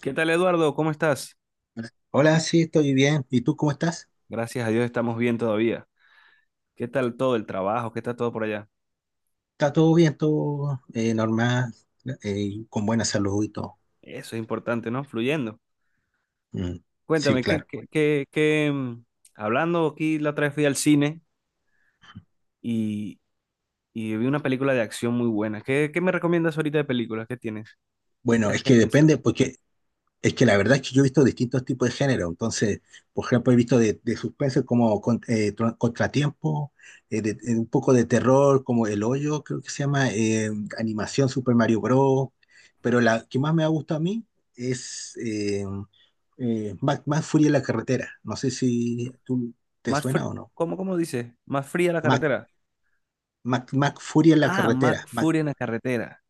¿Qué tal, Eduardo? ¿Cómo estás? Hola, sí, estoy bien. ¿Y tú cómo estás? Gracias a Dios estamos bien todavía. ¿Qué tal todo el trabajo? ¿Qué tal todo por allá? ¿Está todo bien? ¿Todo normal? Con buena salud y todo. Eso es importante, ¿no? Fluyendo. Mm, sí, Cuéntame, ¿qué, claro. qué, qué, qué, mm, Hablando aquí, la otra vez fui al cine y, y vi una película de acción muy buena. ¿Qué me recomiendas ahorita de películas? ¿Qué tienes? Bueno, es ¿Qué que has pensado? depende, porque es que la verdad es que yo he visto distintos tipos de género. Entonces, por ejemplo, he visto de suspenso como Contratiempo, un poco de terror como El Hoyo, creo que se llama, animación Super Mario Bros. Pero la que más me ha gustado a mí es Mac, Mac Fury en la carretera. No sé si tú te Más suena fr- o no. ¿cómo dice? ¿Más fría la Mac, carretera? Mac Fury en la Ah, más carretera. Mac, furia en la carretera.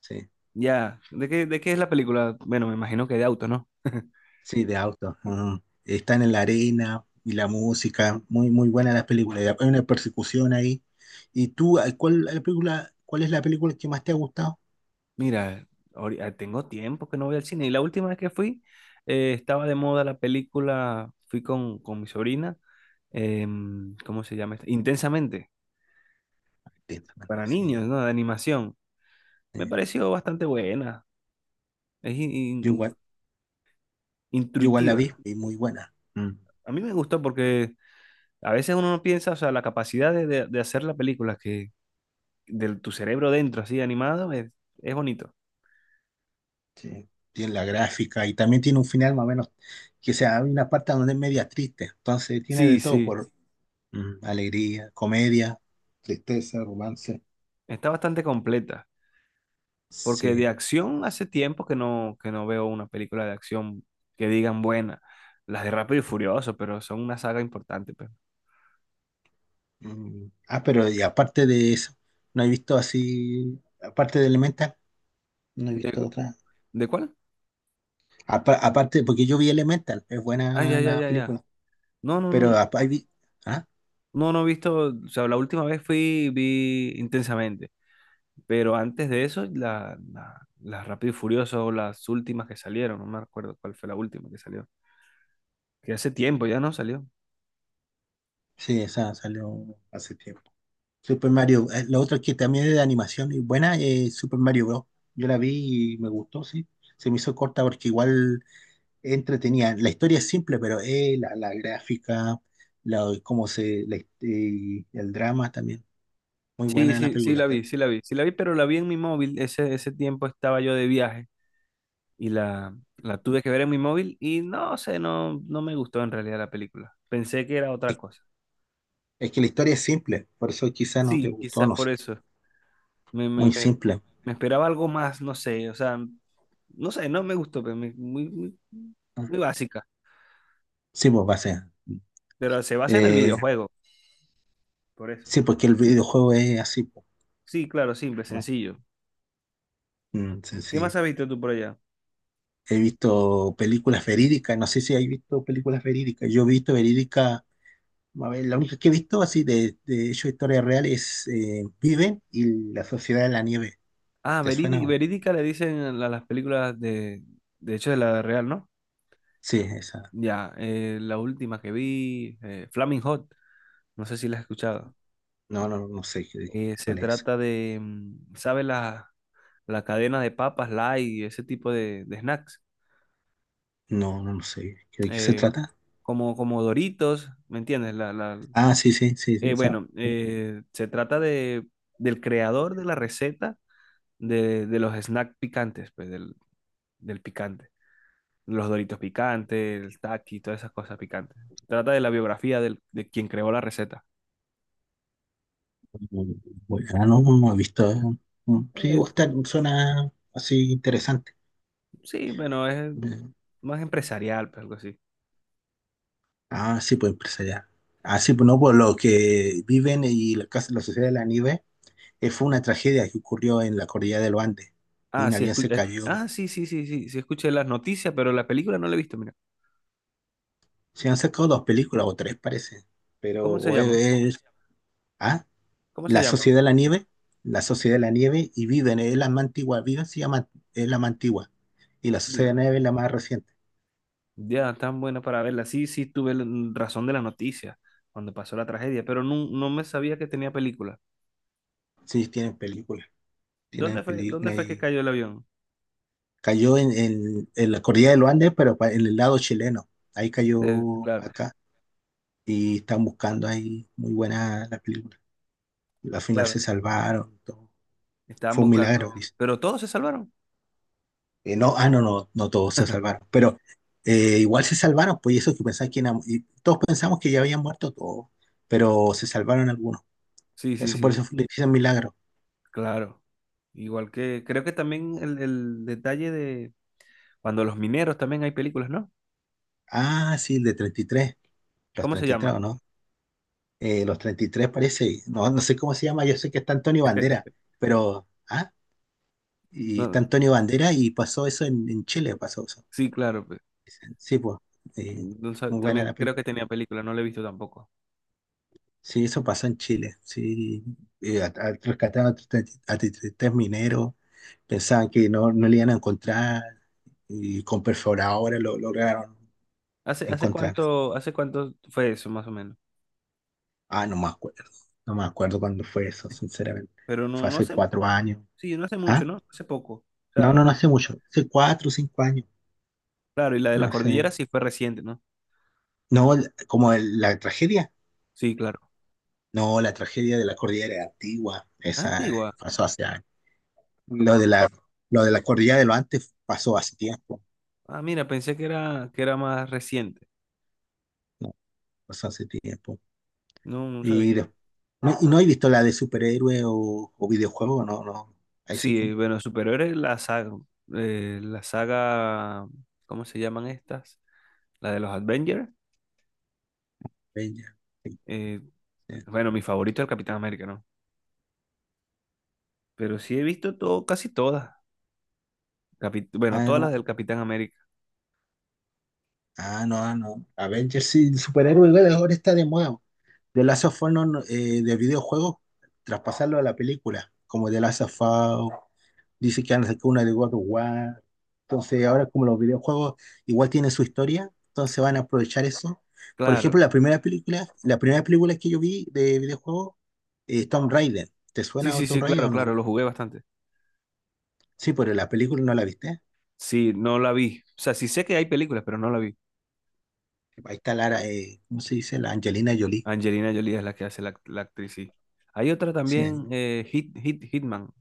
sí. Ya. ¿De qué es la película? Bueno, me imagino que de auto, ¿no? Sí, de auto, ajá. Están en la arena y la música, muy muy buena las películas. Y hay una persecución ahí. ¿Y tú, cuál cuál es la película que más te ha gustado? Mira, tengo tiempo que no voy al cine, y la última vez que fui estaba de moda la película. Fui con mi sobrina, ¿cómo se llama esta? Intensamente, Intensamente, para sí. niños, ¿no? De animación. Me Sí. pareció bastante buena, es Yo igual, yo igual la intuitiva. vi y muy buena. A mí me gustó porque a veces uno no piensa, o sea, la capacidad de, de hacer la película, que de tu cerebro dentro, así animado, es bonito. Sí. Tiene la gráfica y también tiene un final más o menos, que sea, hay una parte donde es media triste. Entonces tiene de Sí, todo: sí, por alegría, comedia, tristeza, romance. está bastante completa. Porque Sí. de acción hace tiempo que que no veo una película de acción que digan buena. Las de Rápido y Furioso, pero son una saga importante, pues. Ah, pero y aparte de eso, no he visto así, aparte de Elemental, no he ¿De, visto otra. de cuál? Aparte, porque yo vi Elemental, es Ah, buena ya, ya, la ya, ya. película, No, no, pero no. Ah, No, no he visto. O sea, la última vez fui, vi intensamente. Pero antes de eso, las Rápido y Furioso, las últimas que salieron, no me acuerdo cuál fue la última que salió. Que hace tiempo ya no salió. sí, esa salió hace tiempo. Super Mario, la otra que también es de animación y buena es Super Mario Bros. Yo la vi y me gustó, sí. Se me hizo corta porque igual entretenía. La historia es simple, pero la gráfica, la, cómo se, el drama también. Muy Sí, buena la sí, sí película. la vi, sí la vi, sí la vi, pero la vi en mi móvil. Ese tiempo estaba yo de viaje y la, la tuve que ver en mi móvil y no sé, no, no me gustó en realidad la película. Pensé que era otra cosa. Es que la historia es simple, por eso quizá no te Sí, gustó, quizás no por sé. eso. Me, me, Muy me- simple. me esperaba algo más, no sé, o sea, no sé, no me gustó, muy, muy, Ah, muy básica. sí, pues va a ser. Pero se basa en el Eh, videojuego, por eso. sí, porque el videojuego es así, pues, Sí, claro, simple, ¿no? sencillo. Sí, ¿Qué sí. más has visto tú por allá? He visto películas verídicas, no sé si hay visto películas verídicas. Yo he visto verídicas, a ver, la única que he visto así de hecho historia real es Viven y La Sociedad de la Nieve. Ah, ¿Te suena o no? verídica le dicen a las películas de hecho, de la real, ¿no? Sí, esa. Ya, la última que vi, Flaming Hot, no sé si la has escuchado. No, no, no sé Se cuál es. trata de, ¿sabe? La cadena de papas, light y ese tipo de snacks. No, no, no sé. ¿De qué se Eh, trata? como, como Doritos, ¿me entiendes? Ah, sí, sí, sí, sí, esa. Bueno, se trata de del creador de la receta de los snacks picantes, pues del, del picante. Los Doritos picantes, el Taki, todas esas cosas picantes. Trata de la biografía de quien creó la receta. Mm, Bueno, no, no he visto, eh. Sí, Eh, Oscar suena así interesante. sí, bueno, es Eh, más empresarial, pues algo así. Ah, sí, pues empresarial. Ah, sí, pues no, pues los que viven y la sociedad de la nieve fue una tragedia que ocurrió en la cordillera de los Andes. De Ah, un sí, avión se cayó. Sí, sí, sí, sí, sí, escuché las noticias, pero la película no la he visto, mira. Se han sacado dos películas o tres, parece. Pero ¿Cómo se o llaman? es- ah, ¿Cómo se la sociedad llaman? de la nieve, la sociedad de la nieve y viven, es la más antigua, viven se llama, es la más antigua. Y la sociedad Digo, de la nieve es la más reciente. ya, tan buena para verla. Sí, sí, tuve razón de las noticias cuando pasó la tragedia, pero no, no me sabía que tenía película. Sí, tienen películas, tienen ¿Dónde fue, dónde película. fue que Y cayó el avión? cayó en la cordillera de los Andes, pero en el lado chileno. Ahí De- cayó claro, acá y están buscando ahí. Muy buena la película. Al final claro, se salvaron, todo. estaban Fue un milagro, buscando, dice. pero todos se salvaron. No, ah, no, no, no todos se salvaron, pero igual se salvaron, pues, y eso que pensaba que eran, y todos pensamos que ya habían muerto todos, pero se salvaron algunos. Sí, sí, Eso, por sí, eso le dicen milagro. claro. Igual que, creo que también el detalle de cuando los mineros también hay películas, ¿no? Ah, sí, el de 33, los ¿Cómo se 33, ¿o llama? no? Los 33 parece, no, no sé cómo se llama, yo sé que está Antonio Bandera, pero, ah, y está No, Antonio Bandera y pasó eso en Chile, pasó eso. sí, claro. Sí, pues, eh, No sab- muy buena También la creo que película. tenía película, no la he visto tampoco. Sí, eso pasó en Chile, sí, rescataron a 33, a 33 mineros, pensaban que no, no le iban a encontrar y con perforadora lo lograron ¿Hace, hace encontrar. cuánto, hace cuánto fue eso, más o menos? Ah, no me acuerdo, no me acuerdo cuándo fue eso, sinceramente. Pero Fue hace cuatro años. sí, no hace mucho, ¿Ah? ¿no? Hace poco. O No, sea, no, no hace mucho, hace cuatro o cinco años. claro, y la de la No sé. cordillera sí fue reciente, ¿no? No, la tragedia. Sí, claro. No, la tragedia de la cordillera antigua. Esa Antigua. pasó hace años. Lo de la, lo de la cordillera de lo antes pasó hace tiempo. Ah, mira, pensé que era más reciente. No, pasó hace tiempo. No, no Y, des- sabía. no, y no he visto la de superhéroe o videojuego. No, no. Ahí sí que Sí, no. bueno, superiores la saga, ¿cómo se llaman estas? La de los Avengers. Avengers, sí, eh, sí. bueno, mi favorito es el Capitán América, ¿no? Pero sí he visto todo, casi todas. Bueno, Ah, todas las no. del Capitán América. Ah, no, ah, no. Avengers sí, el superhéroe güey, ahora está de moda. The Last of Us no, no, de videojuegos, traspasarlo a la película. Como The Last of Us. Dice que han sacado una de God of War. Entonces, ahora como los videojuegos igual tienen su historia, entonces van a aprovechar eso. Por ejemplo, Claro. La primera película que yo vi de videojuego es Tomb Raider. ¿Te Sí, suena sí, sí, Tomb Raider claro, o no? claro, lo jugué bastante. Sí, pero la película no la viste. Sí, no la vi. O sea, sí sé que hay películas, pero no la vi. Ahí está Lara, ¿cómo se dice? La Angelina Jolie. Angelina Jolie es la que hace la actriz, sí. Hay otra también, Sí. eh, Hitman.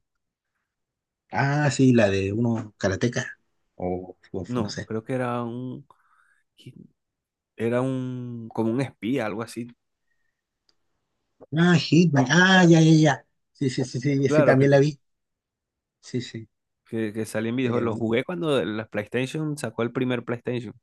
Ah, sí, la de uno karateca. O no No, sé. creo que era un, hit- era un, como un espía, algo así. Ah, Hitman. Ah, ya, ya, ya. Sí, sí, sí, sí, sí, Claro, también la vi. Sí, sí. Que salía en videojuegos. Lo Eh, jugué cuando la PlayStation sacó el primer PlayStation.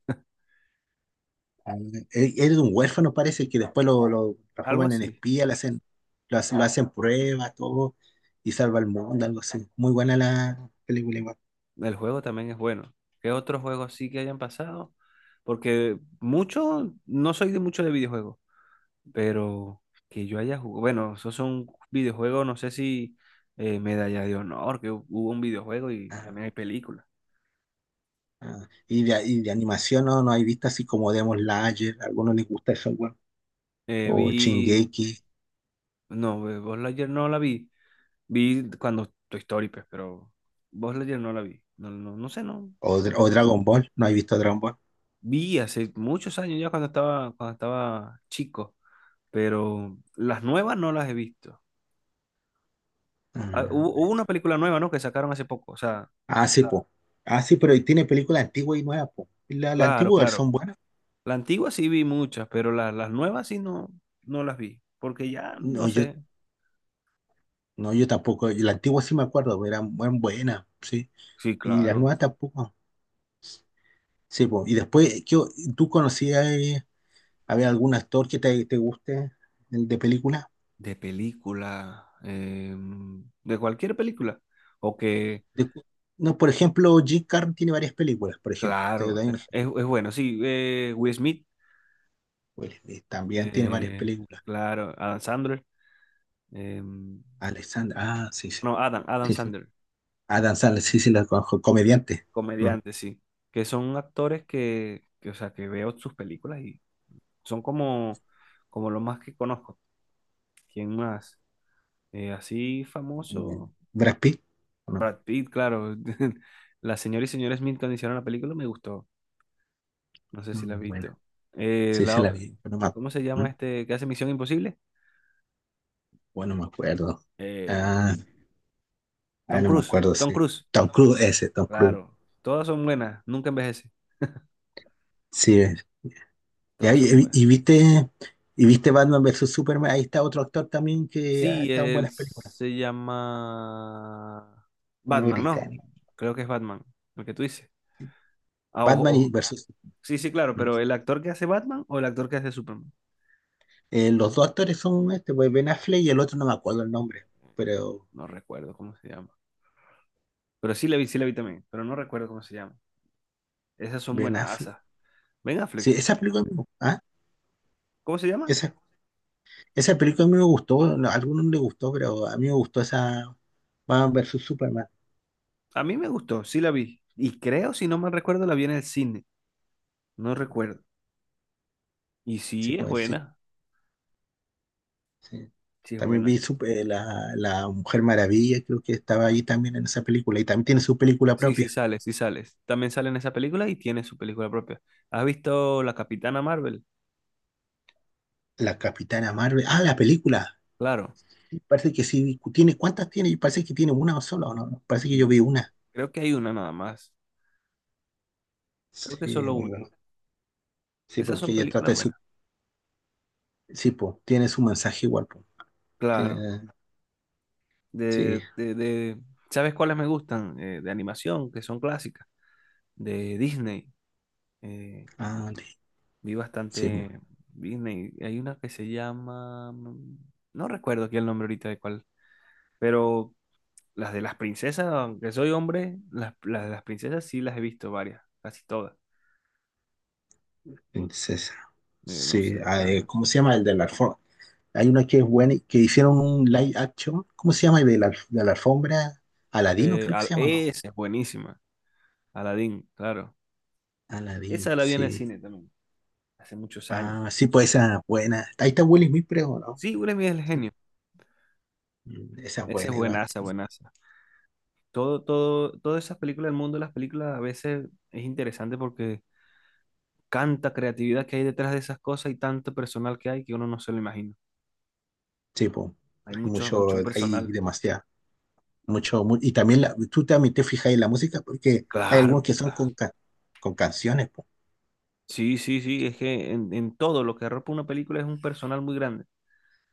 Ah, él es un huérfano, parece, que después lo Algo transforman en así. espía, le hacen, lo hacen pruebas, todo, y salva al mundo, algo así. Muy buena la película igual. El juego también es bueno. ¿Qué otros juegos sí que hayan pasado? Porque mucho, no soy de mucho de videojuegos. Pero que yo haya jugado, bueno, esos son videojuegos, no sé si Medalla de Honor, que hubo un videojuego y también hay películas. Ah, y de animación no, no hay visto así como Demon Slayer, a algunos les gusta eso, weón. O Vi, Shingeki, no, Buzz Lightyear no la vi, vi cuando Toy Story, pues, pero Buzz Lightyear no la vi, no, no, no sé, no. O Dragon Ball, no hay visto Dragon Ball. Vi hace muchos años ya cuando estaba chico, pero las nuevas no las he visto. Ah, Ah, hubo esto. una película nueva, ¿no? Que sacaron hace poco, o sea, Ah, sí, po. Ah, sí, pero tiene películas antiguas y nuevas, po. La claro, antigua claro. son buenas. La antigua sí vi muchas, pero las nuevas sí no, no las vi. Porque ya, No, no yo, sé. no, yo tampoco. La antigua sí me acuerdo, eran buenas, sí. Sí, Y las nuevas claro. tampoco. Sí, po. Y después, ¿qué ¿tú conocías, había algún actor que te guste el de película? De película. De cualquier película. O que, De- no, por ejemplo, Jim Carrey tiene varias películas, por ejemplo. Te claro. doy un ejemplo. Es bueno, sí. Will Smith. Pues, también tiene varias eh, películas. claro. Adam Sandler. em, Alexander, ah, sí, sí, no, Adam sí, sí. Sandler. Adam Sandler, sí, sí, la conozco, comediante. Mm. Comediante, sí. Que son actores que, o sea, que veo sus películas y son como, como lo más que conozco. ¿Quién más? Así Eh, famoso. Brad Pitt, ¿o no? Brad Pitt, claro. La señora y señora Smith cuando hicieron la película me gustó. No sé si la has Bueno, visto. Eh, sí, sí, la la o- vi, pero no me, ¿Cómo se llama ¿mm? este que hace Misión Imposible? Bueno, no me acuerdo. Eh, Ah, Tom no me Cruise. acuerdo, Tom sí. Cruise. Tom Cruise, ese, Tom Cruise. Claro. Todas son buenas. Nunca envejece. Sí, ya, Todas son buenas. Y viste Batman versus Superman, ahí está otro actor también que ha Sí, estado en él buenas películas. se llama Uno Batman, ¿no? británico. Creo que es Batman, lo que tú dices. Ah, ojo, Batman y ojo. versus. Sí, sí, claro, Mm. pero ¿el actor que hace Batman o el actor que hace Superman? Los dos actores son este, pues Ben Affleck y el otro no me acuerdo el nombre, pero No recuerdo cómo se llama. Pero sí la vi también, pero no recuerdo cómo se llama. Esas son Ben buenas Affleck. buenasas. Ben Sí, Affleck, esa película, me gu- ah, ¿cómo se llama? esa, esa película a mí me gustó, no, a algunos no les gustó, pero a mí me gustó esa, Batman versus Superman. A mí me gustó, sí la vi. Y creo, si no me recuerdo, la vi en el cine. No recuerdo. Y Sí, sí, es pues sí, buena. sí. Sí, es También buena. vi la Mujer Maravilla, creo que estaba ahí también en esa película y también tiene su película Sí, sí propia. sales, sí sales. También sale en esa película y tiene su película propia. ¿Has visto La Capitana Marvel? La Capitana Marvel. Ah, la película. Claro. Parece que sí. ¿Tiene, cuántas tiene? Parece que tiene una sola, ¿o no? Parece que yo Mm, vi una. Creo que hay una nada más. Creo que Sí, solo muy una. bueno. Sí, Esas porque son ella trata películas de su. buenas. Sí, po, tiene su mensaje igual, po. Tiene. Claro. De, Sí. de, de- ¿Sabes cuáles me gustan? De animación, que son clásicas. De Disney. Eh, Ah, Vi sí, po, bastante Disney. Hay una que se llama... no recuerdo aquí el nombre ahorita de cuál, pero las de las princesas, aunque soy hombre, las de las princesas sí las he visto varias, casi todas. princesa. No Sí. sé. ¿Cómo se llama? El de la alfombra. Hay una que es buena, y que hicieron un live action. ¿Cómo se llama? El de de la alfombra. Aladino, creo que se llama, ¿no? Esa es buenísima. Aladdin, claro. Aladín, Esa la vi en el sí. cine también, hace muchos años. Ah, sí, pues esa es buena. Ahí está Will Smith, creo, ¿no? Sí, Will Smith es el Sí. genio. Esa es Esa es buena, igual. buenaza, buenaza. Todo, todo, todas esas películas del mundo, las películas a veces es interesante porque tanta creatividad que hay detrás de esas cosas y tanto personal que hay que uno no se lo imagina. Sí, po. Hay Hay mucho, mucho, mucho hay personal. demasiado, y también tú también te fijas en la música porque hay algunos Claro. que son con canciones, po. Sí, sí, sí, es que en todo lo que arropa una película es un personal muy grande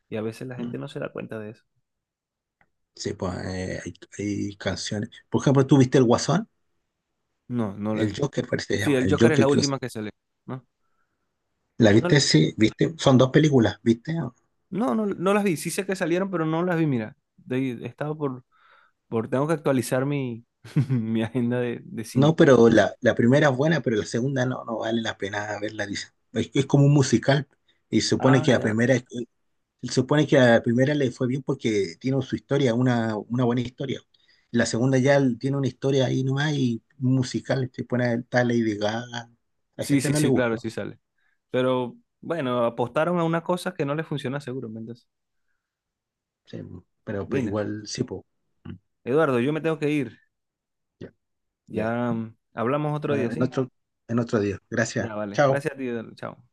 y a veces la Mm. gente no se da cuenta de eso. Sí, pues, hay canciones. Por ejemplo, tú viste El Guasón, No, no lo he El visto. Joker, parece que se Sí, llama, el El Joker es Joker, la última que sale, ¿no? ¿la No, viste? Sí, viste, son dos películas, ¿viste? no, no, no las vi. Sí sé que salieron, pero no las vi, mira. De- He estado por, tengo que actualizar mi, mi agenda de No, cine. pero la primera es buena, pero la segunda no, no vale la pena verla, dice. Es como un musical y se supone Ah, que la ya. primera es. Se supone que a la primera le fue bien porque tiene su historia, una buena historia. La segunda ya tiene una historia ahí nomás y musical, se pone a tal Lady Gaga. A la Sí, gente sí, no le sí, claro, gustó, sí sale. Pero bueno, apostaron a una cosa que no les funciona seguramente. sí, pero Mira, igual sí, po. Eduardo, yo me tengo que ir. Ya. Ya. Ya hablamos otro día, Bueno, ¿sí? En otro día. Gracias. Ya, vale. Chao. Gracias a ti, Eduardo. Chao.